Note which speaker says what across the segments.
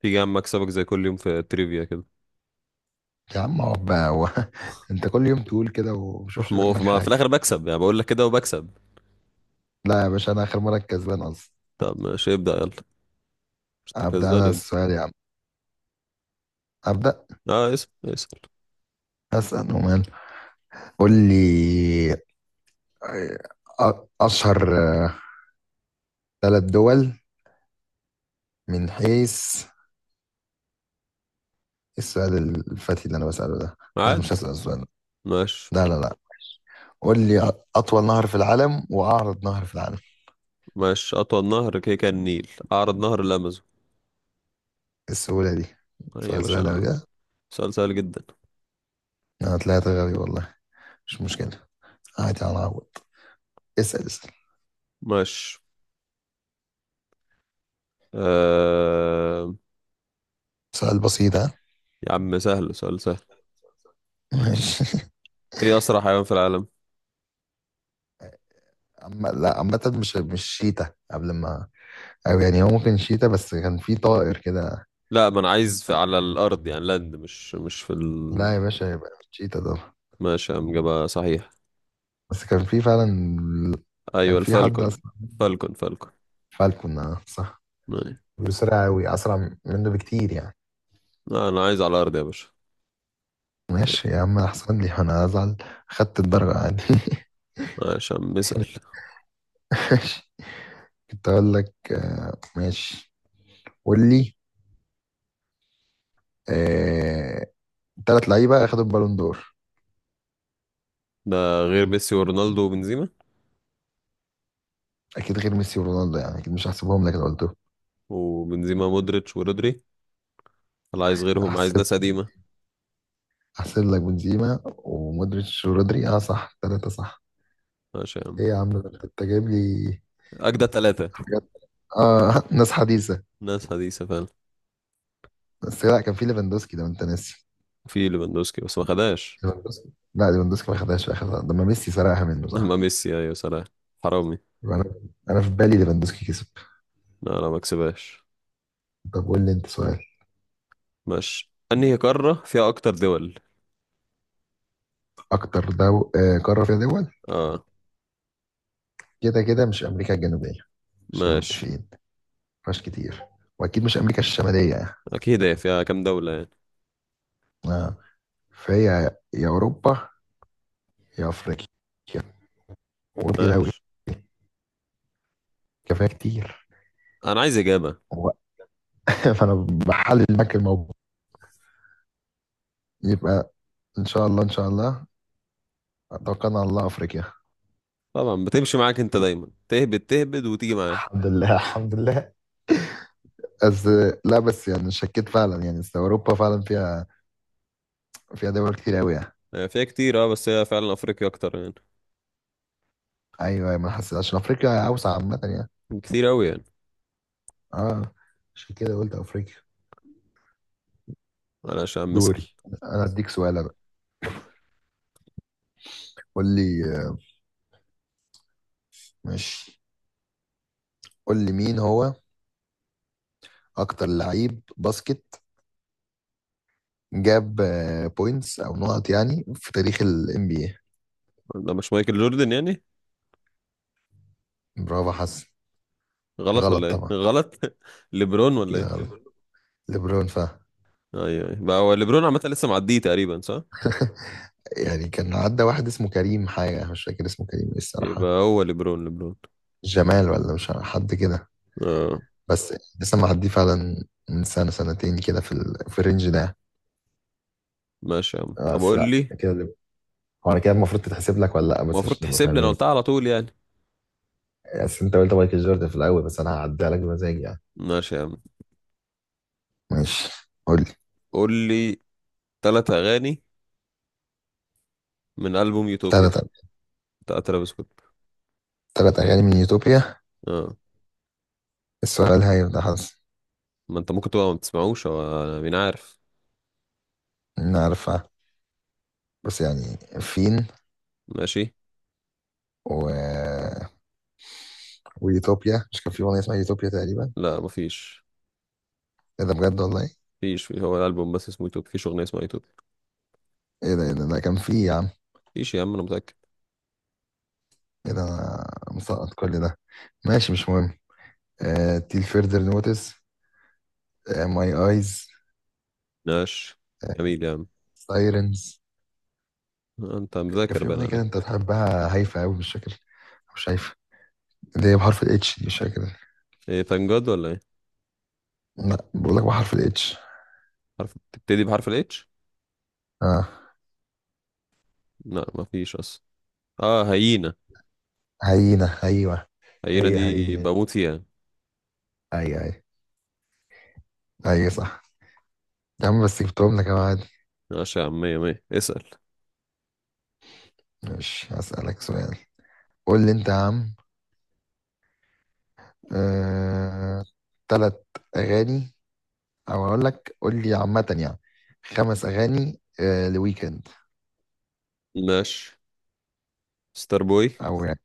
Speaker 1: تيجي يا عم اكسبك زي كل يوم في التريفيا كده.
Speaker 2: يا عم اقعد بقى. هو انت كل يوم تقول كده ومشوفش
Speaker 1: ما هو
Speaker 2: منك
Speaker 1: ما في
Speaker 2: حاجة.
Speaker 1: الاخر بكسب يعني بقول لك كده وبكسب.
Speaker 2: لا يا باشا، انا اخر مرة الكسبان اصلا.
Speaker 1: طب ماشي ابدا يلا. مش
Speaker 2: ابدأ انا
Speaker 1: تكذبني.
Speaker 2: السؤال يا عم، ابدأ.
Speaker 1: اه، اسال.
Speaker 2: اسأل ومال، قول لي. آه، اشهر ثلاث دول من حيث إيه السؤال؟ الفتي اللي انا بسأله ده، لا
Speaker 1: عادي.
Speaker 2: مش هسأل السؤال
Speaker 1: ماشي.
Speaker 2: ده. لا. قول لي، اطول نهر في العالم واعرض نهر في العالم إيه؟
Speaker 1: ماشي، اطول نهر كده كان النيل، اعرض نهر الامازون.
Speaker 2: السهولة دي؟
Speaker 1: آه يا
Speaker 2: سؤال سهل أوي
Speaker 1: باشا.
Speaker 2: ده.
Speaker 1: سؤال سهل جدا.
Speaker 2: انا طلعت غبي والله. مش مشكلة، عادي هنعوض. اسأل اسأل.
Speaker 1: ماشي. آه...
Speaker 2: سؤال بسيط ها؟
Speaker 1: يا عم سهل، سؤال سهل.
Speaker 2: ماشي.
Speaker 1: ايه اسرع حيوان في العالم؟
Speaker 2: أما لا، عامة مش شيتا قبل ما، أو يعني هو ممكن شيتا بس كان في طائر كده.
Speaker 1: لا ما انا عايز على الارض يعني لاند، مش مش في ال...
Speaker 2: لا يا باشا يبقى مش شيتا ده.
Speaker 1: ماشي يا عم جابها صحيح.
Speaker 2: بس كان في فعلا،
Speaker 1: ايوه
Speaker 2: كان في حد
Speaker 1: الفالكون.
Speaker 2: أصلا.
Speaker 1: فالكون فالكون.
Speaker 2: فالكون، آه، صح.
Speaker 1: آه.
Speaker 2: بيسرع أوي، أسرع منه بكتير يعني.
Speaker 1: انا عايز على الارض يا باشا.
Speaker 2: ماشي يا عم، أحسن لي أنا أزعل، خدت الدرجة عادي.
Speaker 1: عشان بسأل.
Speaker 2: ماشي، كنت أقول لك آه، ماشي. قول لي. آه، تلات لعيبة أخدوا البالون دور.
Speaker 1: ده غير ميسي ورونالدو وبنزيما.
Speaker 2: أكيد غير ميسي ورونالدو يعني، أكيد مش هحسبهم لك. لو
Speaker 1: وبنزيما مودريتش ورودري. انا عايز غيرهم، عايز
Speaker 2: قلته
Speaker 1: ناس قديمة.
Speaker 2: احسب لك. بنزيما ومودريتش ورودري، اه صح، ثلاثة صح.
Speaker 1: عشان
Speaker 2: ايه يا عم ده، انت جايب لي
Speaker 1: أجدى ثلاثة.
Speaker 2: حاجات. اه ناس حديثة.
Speaker 1: ناس حديثة فعلا.
Speaker 2: بس لا، كان في ليفاندوسكي ده، ما انت ناسي
Speaker 1: في ليفاندوسكي بس ما خدهاش.
Speaker 2: ليفاندوسكي. لا، ليفاندوسكي ما خدهاش في اخر لحظة، لما ميسي سرقها منه
Speaker 1: أما
Speaker 2: صح.
Speaker 1: ميسي أيوة. صلاح حرامي.
Speaker 2: يبقى انا في بالي ليفاندوسكي كسب.
Speaker 1: لا لا ما كسبهاش.
Speaker 2: طب قول لي انت سؤال.
Speaker 1: ماشي، أنهي قارة فيها أكتر دول؟
Speaker 2: آه، قارة فيها دول.
Speaker 1: اه.
Speaker 2: كده مش امريكا الجنوبية، مش
Speaker 1: ماشي.
Speaker 2: متفقين، مش كتير. واكيد مش امريكا الشمالية يعني.
Speaker 1: أكيد هي فيها كام دولة يعني.
Speaker 2: اه، فهي يا اوروبا يا افريقيا. وكتير قوي،
Speaker 1: ماشي.
Speaker 2: كفايه كتير.
Speaker 1: أنا عايز إجابة.
Speaker 2: هو فانا بحلل معاك الموضوع. يبقى ان شاء الله ان شاء الله، توكلنا على الله، افريقيا.
Speaker 1: طبعا بتمشي معاك، أنت دايما تهبد تهبد وتيجي معاك.
Speaker 2: الحمد لله الحمد لله. بس لا بس يعني شكيت فعلا يعني، أصل اوروبا فعلا فيها دول كتير قوي يعني.
Speaker 1: هي فيها كتير اه، بس هي فعلا أفريقيا أكتر يعني.
Speaker 2: ايوه أيوة، ما أنا حسيت عشان افريقيا اوسع عامه يعني.
Speaker 1: كتير قوي يعني.
Speaker 2: اه، عشان كده قلت افريقيا.
Speaker 1: انا عشان بسأل.
Speaker 2: دوري، انا اديك سؤال انا. قول لي، آه، ماشي، قول لي مين هو اكتر لعيب باسكت جاب بوينتس او نقط يعني في تاريخ ال NBA.
Speaker 1: ده مش مايكل جوردن يعني؟
Speaker 2: برافو حسن.
Speaker 1: غلط
Speaker 2: غلط
Speaker 1: ولا ايه،
Speaker 2: طبعا.
Speaker 1: غلط؟ ليبرون ولا
Speaker 2: كده
Speaker 1: ايه؟
Speaker 2: غلط. ليبرون فا
Speaker 1: ايوه ايوه بقى، هو ليبرون عامه لسه معديه تقريبا صح.
Speaker 2: يعني كان عدى واحد اسمه كريم حاجة، مش فاكر اسمه كريم ايه
Speaker 1: يبقى
Speaker 2: الصراحة.
Speaker 1: هو ليبرون ليبرون.
Speaker 2: جمال ولا مش عارف، حد كده.
Speaker 1: اه
Speaker 2: بس يعني لسه معديه فعلا من سنة سنتين كده، في الرينج ده.
Speaker 1: ماشي يا عم،
Speaker 2: آه،
Speaker 1: طب
Speaker 2: بس
Speaker 1: قول
Speaker 2: لا
Speaker 1: لي.
Speaker 2: كده هو انا كده المفروض تتحسب لك ولا لا، بس
Speaker 1: المفروض
Speaker 2: عشان نبقى
Speaker 1: تحسب لي، انا
Speaker 2: فاهمين.
Speaker 1: قلتها على طول يعني.
Speaker 2: بس انت قلت مايكل جوردن في الاول، بس انا هعديها لك بمزاجي يعني.
Speaker 1: ماشي يا عم.
Speaker 2: ماشي، قول لي.
Speaker 1: قول لي ثلاث اغاني من البوم يوتوبيا
Speaker 2: تلات
Speaker 1: بتاع ترافيس سكوت.
Speaker 2: تلات اغاني من يوتوبيا.
Speaker 1: اه
Speaker 2: السؤال هيبقى حظ.
Speaker 1: ما انت ممكن تبقى ما بتسمعوش، هو أنا مين عارف.
Speaker 2: انا عارفها بس يعني فين.
Speaker 1: ماشي.
Speaker 2: و... ويوتوبيا مش كان في اغنية اسمها يوتوبيا تقريبا؟
Speaker 1: لا مفيش.
Speaker 2: ايه ده، بجد والله؟
Speaker 1: مفيش، هو الالبوم بس اسمه يوتوبيا، مفيش اغنيه اسمها يوتوبيا.
Speaker 2: ايه ده، ايه ده، ده كان فيه يا عم.
Speaker 1: مفيش يا عم انا متاكد.
Speaker 2: ايه ده، انا مسقط كل ده. ماشي مش مهم. آه، تيل فيردر نوتس، آه ماي ايز،
Speaker 1: نقش. جميل يا عم.
Speaker 2: سايرنز.
Speaker 1: انت
Speaker 2: كان
Speaker 1: مذاكر
Speaker 2: في
Speaker 1: بقى انا
Speaker 2: اغنيه كده انت
Speaker 1: ليه.
Speaker 2: بتحبها هايفه قوي مش فاكر، مش شايفه، اللي هي بحرف الاتش، دي مش فاكر.
Speaker 1: ايه تنجد ولا ايه؟
Speaker 2: لا بقول لك بحرف الاتش.
Speaker 1: حرف بتبتدي بحرف الاتش؟
Speaker 2: اه،
Speaker 1: لا مفيش اصلا. اه، هيينة.
Speaker 2: هينه، ايوه.
Speaker 1: هيينة
Speaker 2: هي
Speaker 1: دي
Speaker 2: هي،
Speaker 1: بموت فيها.
Speaker 2: اي اي، اي صح. يا عم بس جبتهم لك يا، عادي.
Speaker 1: ماشي يا عم، مية مية اسأل.
Speaker 2: مش هسألك سؤال، قول لي انت يا عم. آه، تلات اغاني، او اقول لك قول لي عامه يعني خمس اغاني. آه، لويكند.
Speaker 1: ماشي. ستار بوي.
Speaker 2: او يعني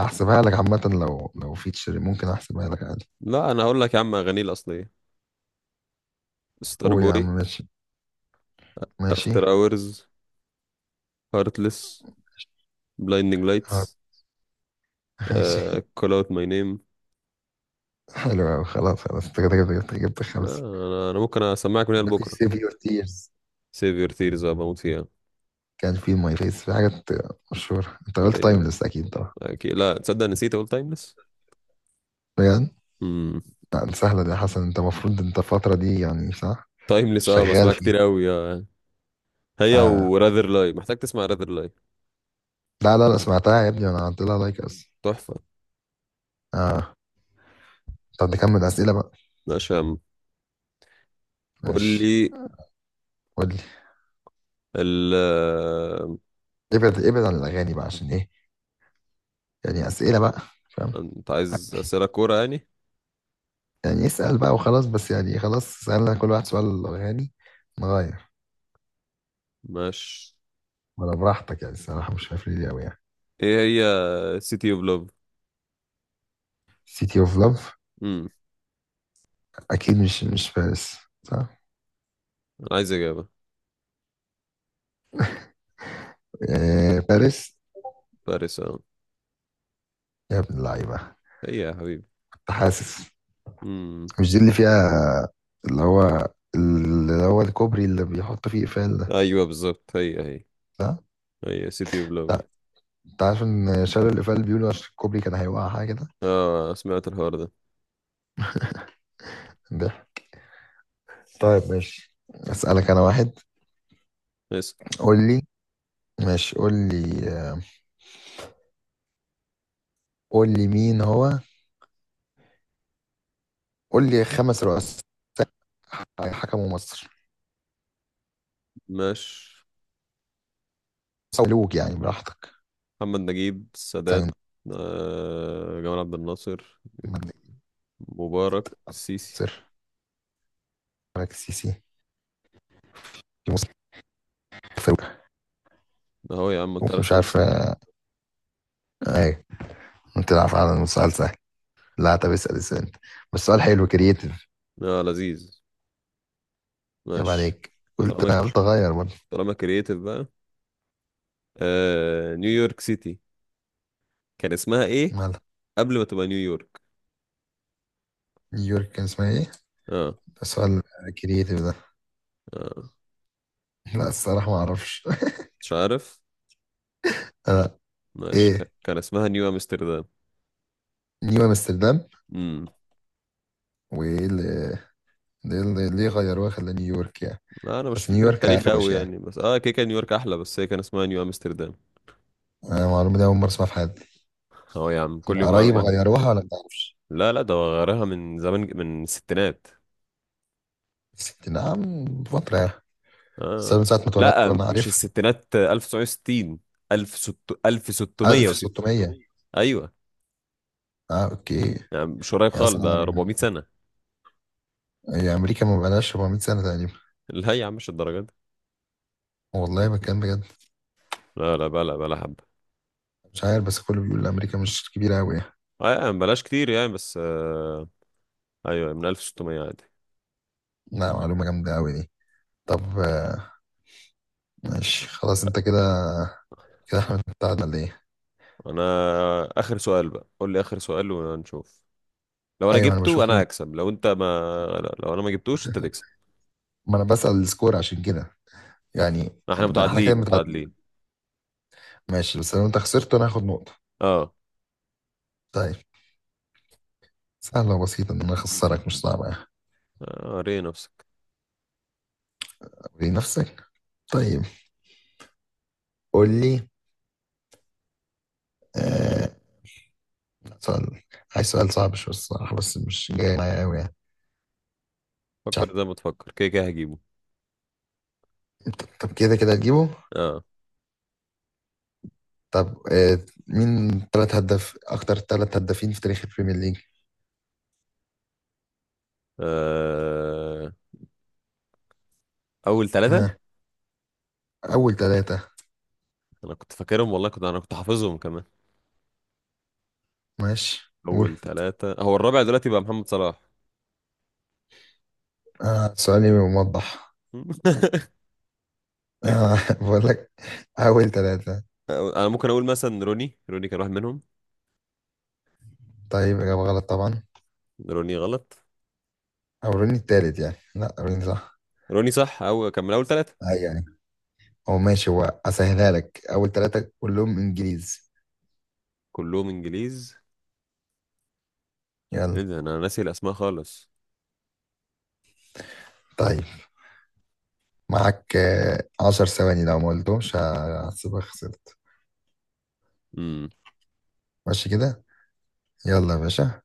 Speaker 2: احسبها لك عامه، لو لو فيتشر ممكن احسبها لك عادي.
Speaker 1: لا انا هقول لك يا عم اغانيه الاصلية. ستار
Speaker 2: قول يا
Speaker 1: بوي،
Speaker 2: عم، ماشي ماشي.
Speaker 1: افتر اورز، هارتلس، بلايندنج
Speaker 2: آه،
Speaker 1: لايتس،
Speaker 2: ماشي
Speaker 1: كول اوت ماي نيم.
Speaker 2: حلو أوي، خلاص خلاص، انت كده كده جبت خمسة.
Speaker 1: انا ممكن اسمعك من هنا
Speaker 2: ممكن
Speaker 1: لبكره.
Speaker 2: سيف يور تيرز.
Speaker 1: سيف يور تيرز بموت فيها.
Speaker 2: كان في ماي فيس، في حاجات مشهورة. انت قلت
Speaker 1: ايوه
Speaker 2: تايمليس اكيد طبعا؟
Speaker 1: اكيد، لا تصدق نسيت اقول تايمليس.
Speaker 2: بجد؟ لا دي سهلة دي يا حسن، انت المفروض انت الفترة دي، يعني صح،
Speaker 1: تايمليس اه، بسمعها
Speaker 2: شغال فيها.
Speaker 1: كتير قوي اه يعني. هي
Speaker 2: آه.
Speaker 1: وراذر لاي، محتاج تسمع راذر لاي.
Speaker 2: لا لا لا، سمعتها يا ابني وانا عملت لها لايك اصلا.
Speaker 1: تحفة.
Speaker 2: اه. طب نكمل اسئلة بقى.
Speaker 1: عشان قول
Speaker 2: ماشي،
Speaker 1: لي
Speaker 2: قول.
Speaker 1: ال آه،
Speaker 2: ابعد ابعد عن الاغاني بقى عشان ايه، يعني اسئله بقى، فاهم.
Speaker 1: انت عايز أسئلة كورة يعني.
Speaker 2: يعني اسال بقى وخلاص، بس يعني خلاص سالنا كل واحد سؤال عن الاغاني، نغير.
Speaker 1: ماشي.
Speaker 2: ولا براحتك يعني، الصراحه مش عارف ليه قوي يعني.
Speaker 1: ايه. هي سيتي اوف لوف.
Speaker 2: سيتي اوف لاف.
Speaker 1: امم
Speaker 2: اكيد مش باريس صح؟
Speaker 1: انا عايز اجابة.
Speaker 2: إيه، باريس.
Speaker 1: باريس اه.
Speaker 2: يا ابن اللعيبه،
Speaker 1: هي يا حبيبي.
Speaker 2: كنت حاسس.
Speaker 1: امم
Speaker 2: مش دي اللي فيها اللي هو اللي هو الكوبري اللي بيحط فيه اقفال ده،
Speaker 1: ايوه بالظبط، هي هي.
Speaker 2: صح؟
Speaker 1: هي سيتي اوف لوف.
Speaker 2: لا، انت عارف ان شالوا الاقفال بيقولوا عشان الكوبري كان هيوقع حاجه كده.
Speaker 1: اه سمعت الحوار ده.
Speaker 2: ده طيب ماشي، اسالك انا واحد،
Speaker 1: اسم.
Speaker 2: قول لي. ماشي قول لي، قول لي مين هو. قول لي خمس رؤساء حكموا مصر،
Speaker 1: ماشي.
Speaker 2: أو ملوك يعني براحتك.
Speaker 1: محمد نجيب، السادات،
Speaker 2: تاني.
Speaker 1: جمال عبد الناصر،
Speaker 2: محمد،
Speaker 1: مبارك، السيسي.
Speaker 2: ناصر، ملك السيسي، مسلم، فاروق.
Speaker 1: اهو يا عم قلت لك
Speaker 2: ومش عارف.
Speaker 1: خمسة.
Speaker 2: آه، ايه، انت عارف على سؤال سهل. لا طب اسال اسال انت، بس سؤال حلو كرييتيف.
Speaker 1: اه لذيذ.
Speaker 2: يا
Speaker 1: ماشي.
Speaker 2: عليك، قلت
Speaker 1: طالما،
Speaker 2: قلت اغير برضه.
Speaker 1: طالما كرييتيف بقى. نيويورك سيتي، كان اسمها ايه
Speaker 2: مالها؟
Speaker 1: قبل ما تبقى نيويورك؟
Speaker 2: نيويورك كان اسمها ايه؟
Speaker 1: اه.
Speaker 2: ده سؤال كرييتيف ده.
Speaker 1: اه
Speaker 2: لا الصراحة ما اعرفش.
Speaker 1: مش عارف.
Speaker 2: آه،
Speaker 1: ماشي، كان
Speaker 2: ايه،
Speaker 1: كان اسمها نيو امستردام.
Speaker 2: نيو امستردام.
Speaker 1: امم
Speaker 2: وايه اللي، ليه ليه غيروها خلاه نيويورك يعني؟
Speaker 1: لا انا مش
Speaker 2: بس
Speaker 1: فاكر
Speaker 2: نيويورك
Speaker 1: التاريخ
Speaker 2: اروش
Speaker 1: قوي
Speaker 2: يعني.
Speaker 1: يعني، بس اه كده كان نيويورك احلى، بس هي كان اسمها نيو امستردام.
Speaker 2: أنا المعلومه دي اول مره اسمعها في حياتي.
Speaker 1: اهو يا عم
Speaker 2: انت
Speaker 1: كل
Speaker 2: اه
Speaker 1: يوم
Speaker 2: قريب
Speaker 1: معلومة
Speaker 2: يعني
Speaker 1: جديدة.
Speaker 2: غيروها ولا ما تعرفش؟
Speaker 1: لا لا، ده هو غيرها من زمان، من الستينات.
Speaker 2: الست نعم بفتره يعني. بس أنا
Speaker 1: اه.
Speaker 2: من ساعه ما اتولدت
Speaker 1: لا
Speaker 2: وانا
Speaker 1: مش
Speaker 2: عارفها.
Speaker 1: الستينات، 1960، 1600، 1660.
Speaker 2: 1600، 1600؟
Speaker 1: ايوه
Speaker 2: اه اوكي.
Speaker 1: يا عم، مش قريب
Speaker 2: يا
Speaker 1: خالص ده
Speaker 2: اصلا
Speaker 1: 400 سنة.
Speaker 2: هي امريكا ما بقالهاش 400 سنه تقريبا.
Speaker 1: لا يا عم مش الدرجة دي.
Speaker 2: والله بتكلم بجد.
Speaker 1: لا لا، بلا بلا حبة.
Speaker 2: مش عارف بس كله بيقول امريكا مش كبيره قوي يعني.
Speaker 1: اه يا عم، بلاش كتير يعني بس آه. ايوه، من 1600 عادي.
Speaker 2: لا معلومه جامده قوي دي. طب آه، ماشي خلاص، انت كده كده، احنا متعادلين ولا ايه؟
Speaker 1: انا اخر سؤال بقى، قول لي اخر سؤال ونشوف. لو انا
Speaker 2: ايوه انا
Speaker 1: جبته
Speaker 2: بشوف
Speaker 1: انا هكسب، لو انت ما... لا لو انا ما جبتوش انت تكسب.
Speaker 2: ما انا بسأل السكور عشان كده، يعني
Speaker 1: احنا
Speaker 2: ده احنا كده
Speaker 1: متعادلين متعادلين.
Speaker 2: متعادلين. ماشي، بس لو انت خسرت انا هاخد نقطه.
Speaker 1: اه.
Speaker 2: طيب، سهلة وبسيطة إن أنا أخسرك، مش صعبة.
Speaker 1: ري نفسك.
Speaker 2: أوري نفسك. طيب قول لي. آه، سؤال. عايز سؤال صعب شوية الصراحة، بس مش جاي معايا أوي يعني. مش
Speaker 1: فكر
Speaker 2: عارف.
Speaker 1: زي ما تفكر، كده كده هجيبه.
Speaker 2: طب كده كده هتجيبه.
Speaker 1: اه.
Speaker 2: طب آه، مين تلات هداف أكتر تلات هدافين في تاريخ البريمير ليج؟
Speaker 1: آه، اول ثلاثة.
Speaker 2: آه. أول تلاتة.
Speaker 1: انا كنت فاكرهم والله، كنت انا كنت حافظهم كمان.
Speaker 2: ماشي قول.
Speaker 1: اول ثلاثة هو الرابع دلوقتي بقى محمد صلاح.
Speaker 2: آه، سؤالي موضح. آه، بقول لك، أول تلاتة.
Speaker 1: انا ممكن اقول مثلا روني، روني كان واحد منهم.
Speaker 2: طيب، إجابة غلط طبعا.
Speaker 1: روني غلط.
Speaker 2: أوريني التالت يعني، لا أوريني صح.
Speaker 1: روني صح، او كان من اول ثلاثة.
Speaker 2: أيوه. هو ماشي، هو اسهلها لك، اول ثلاثة كلهم انجليزي.
Speaker 1: كلهم انجليز.
Speaker 2: يلا.
Speaker 1: ايه ده، انا ناسي الاسماء خالص.
Speaker 2: طيب معاك آه، عشر ثواني لو ما قلتهمش هحسبك خسرت.
Speaker 1: امم
Speaker 2: ماشي كده، يلا يا باشا.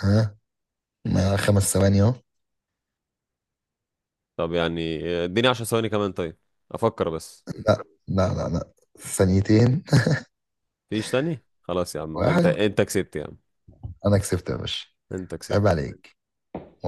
Speaker 2: ها. مع خمس ثواني اهو.
Speaker 1: طب يعني اديني 10 ثواني كمان طيب، افكر بس.
Speaker 2: لا، ثانيتين.
Speaker 1: فيش تاني، خلاص يا عم، انت
Speaker 2: واحد.
Speaker 1: انت كسبت يا عم.
Speaker 2: انا كسبت يا باشا.
Speaker 1: انت
Speaker 2: عيب
Speaker 1: كسبت.
Speaker 2: عليك.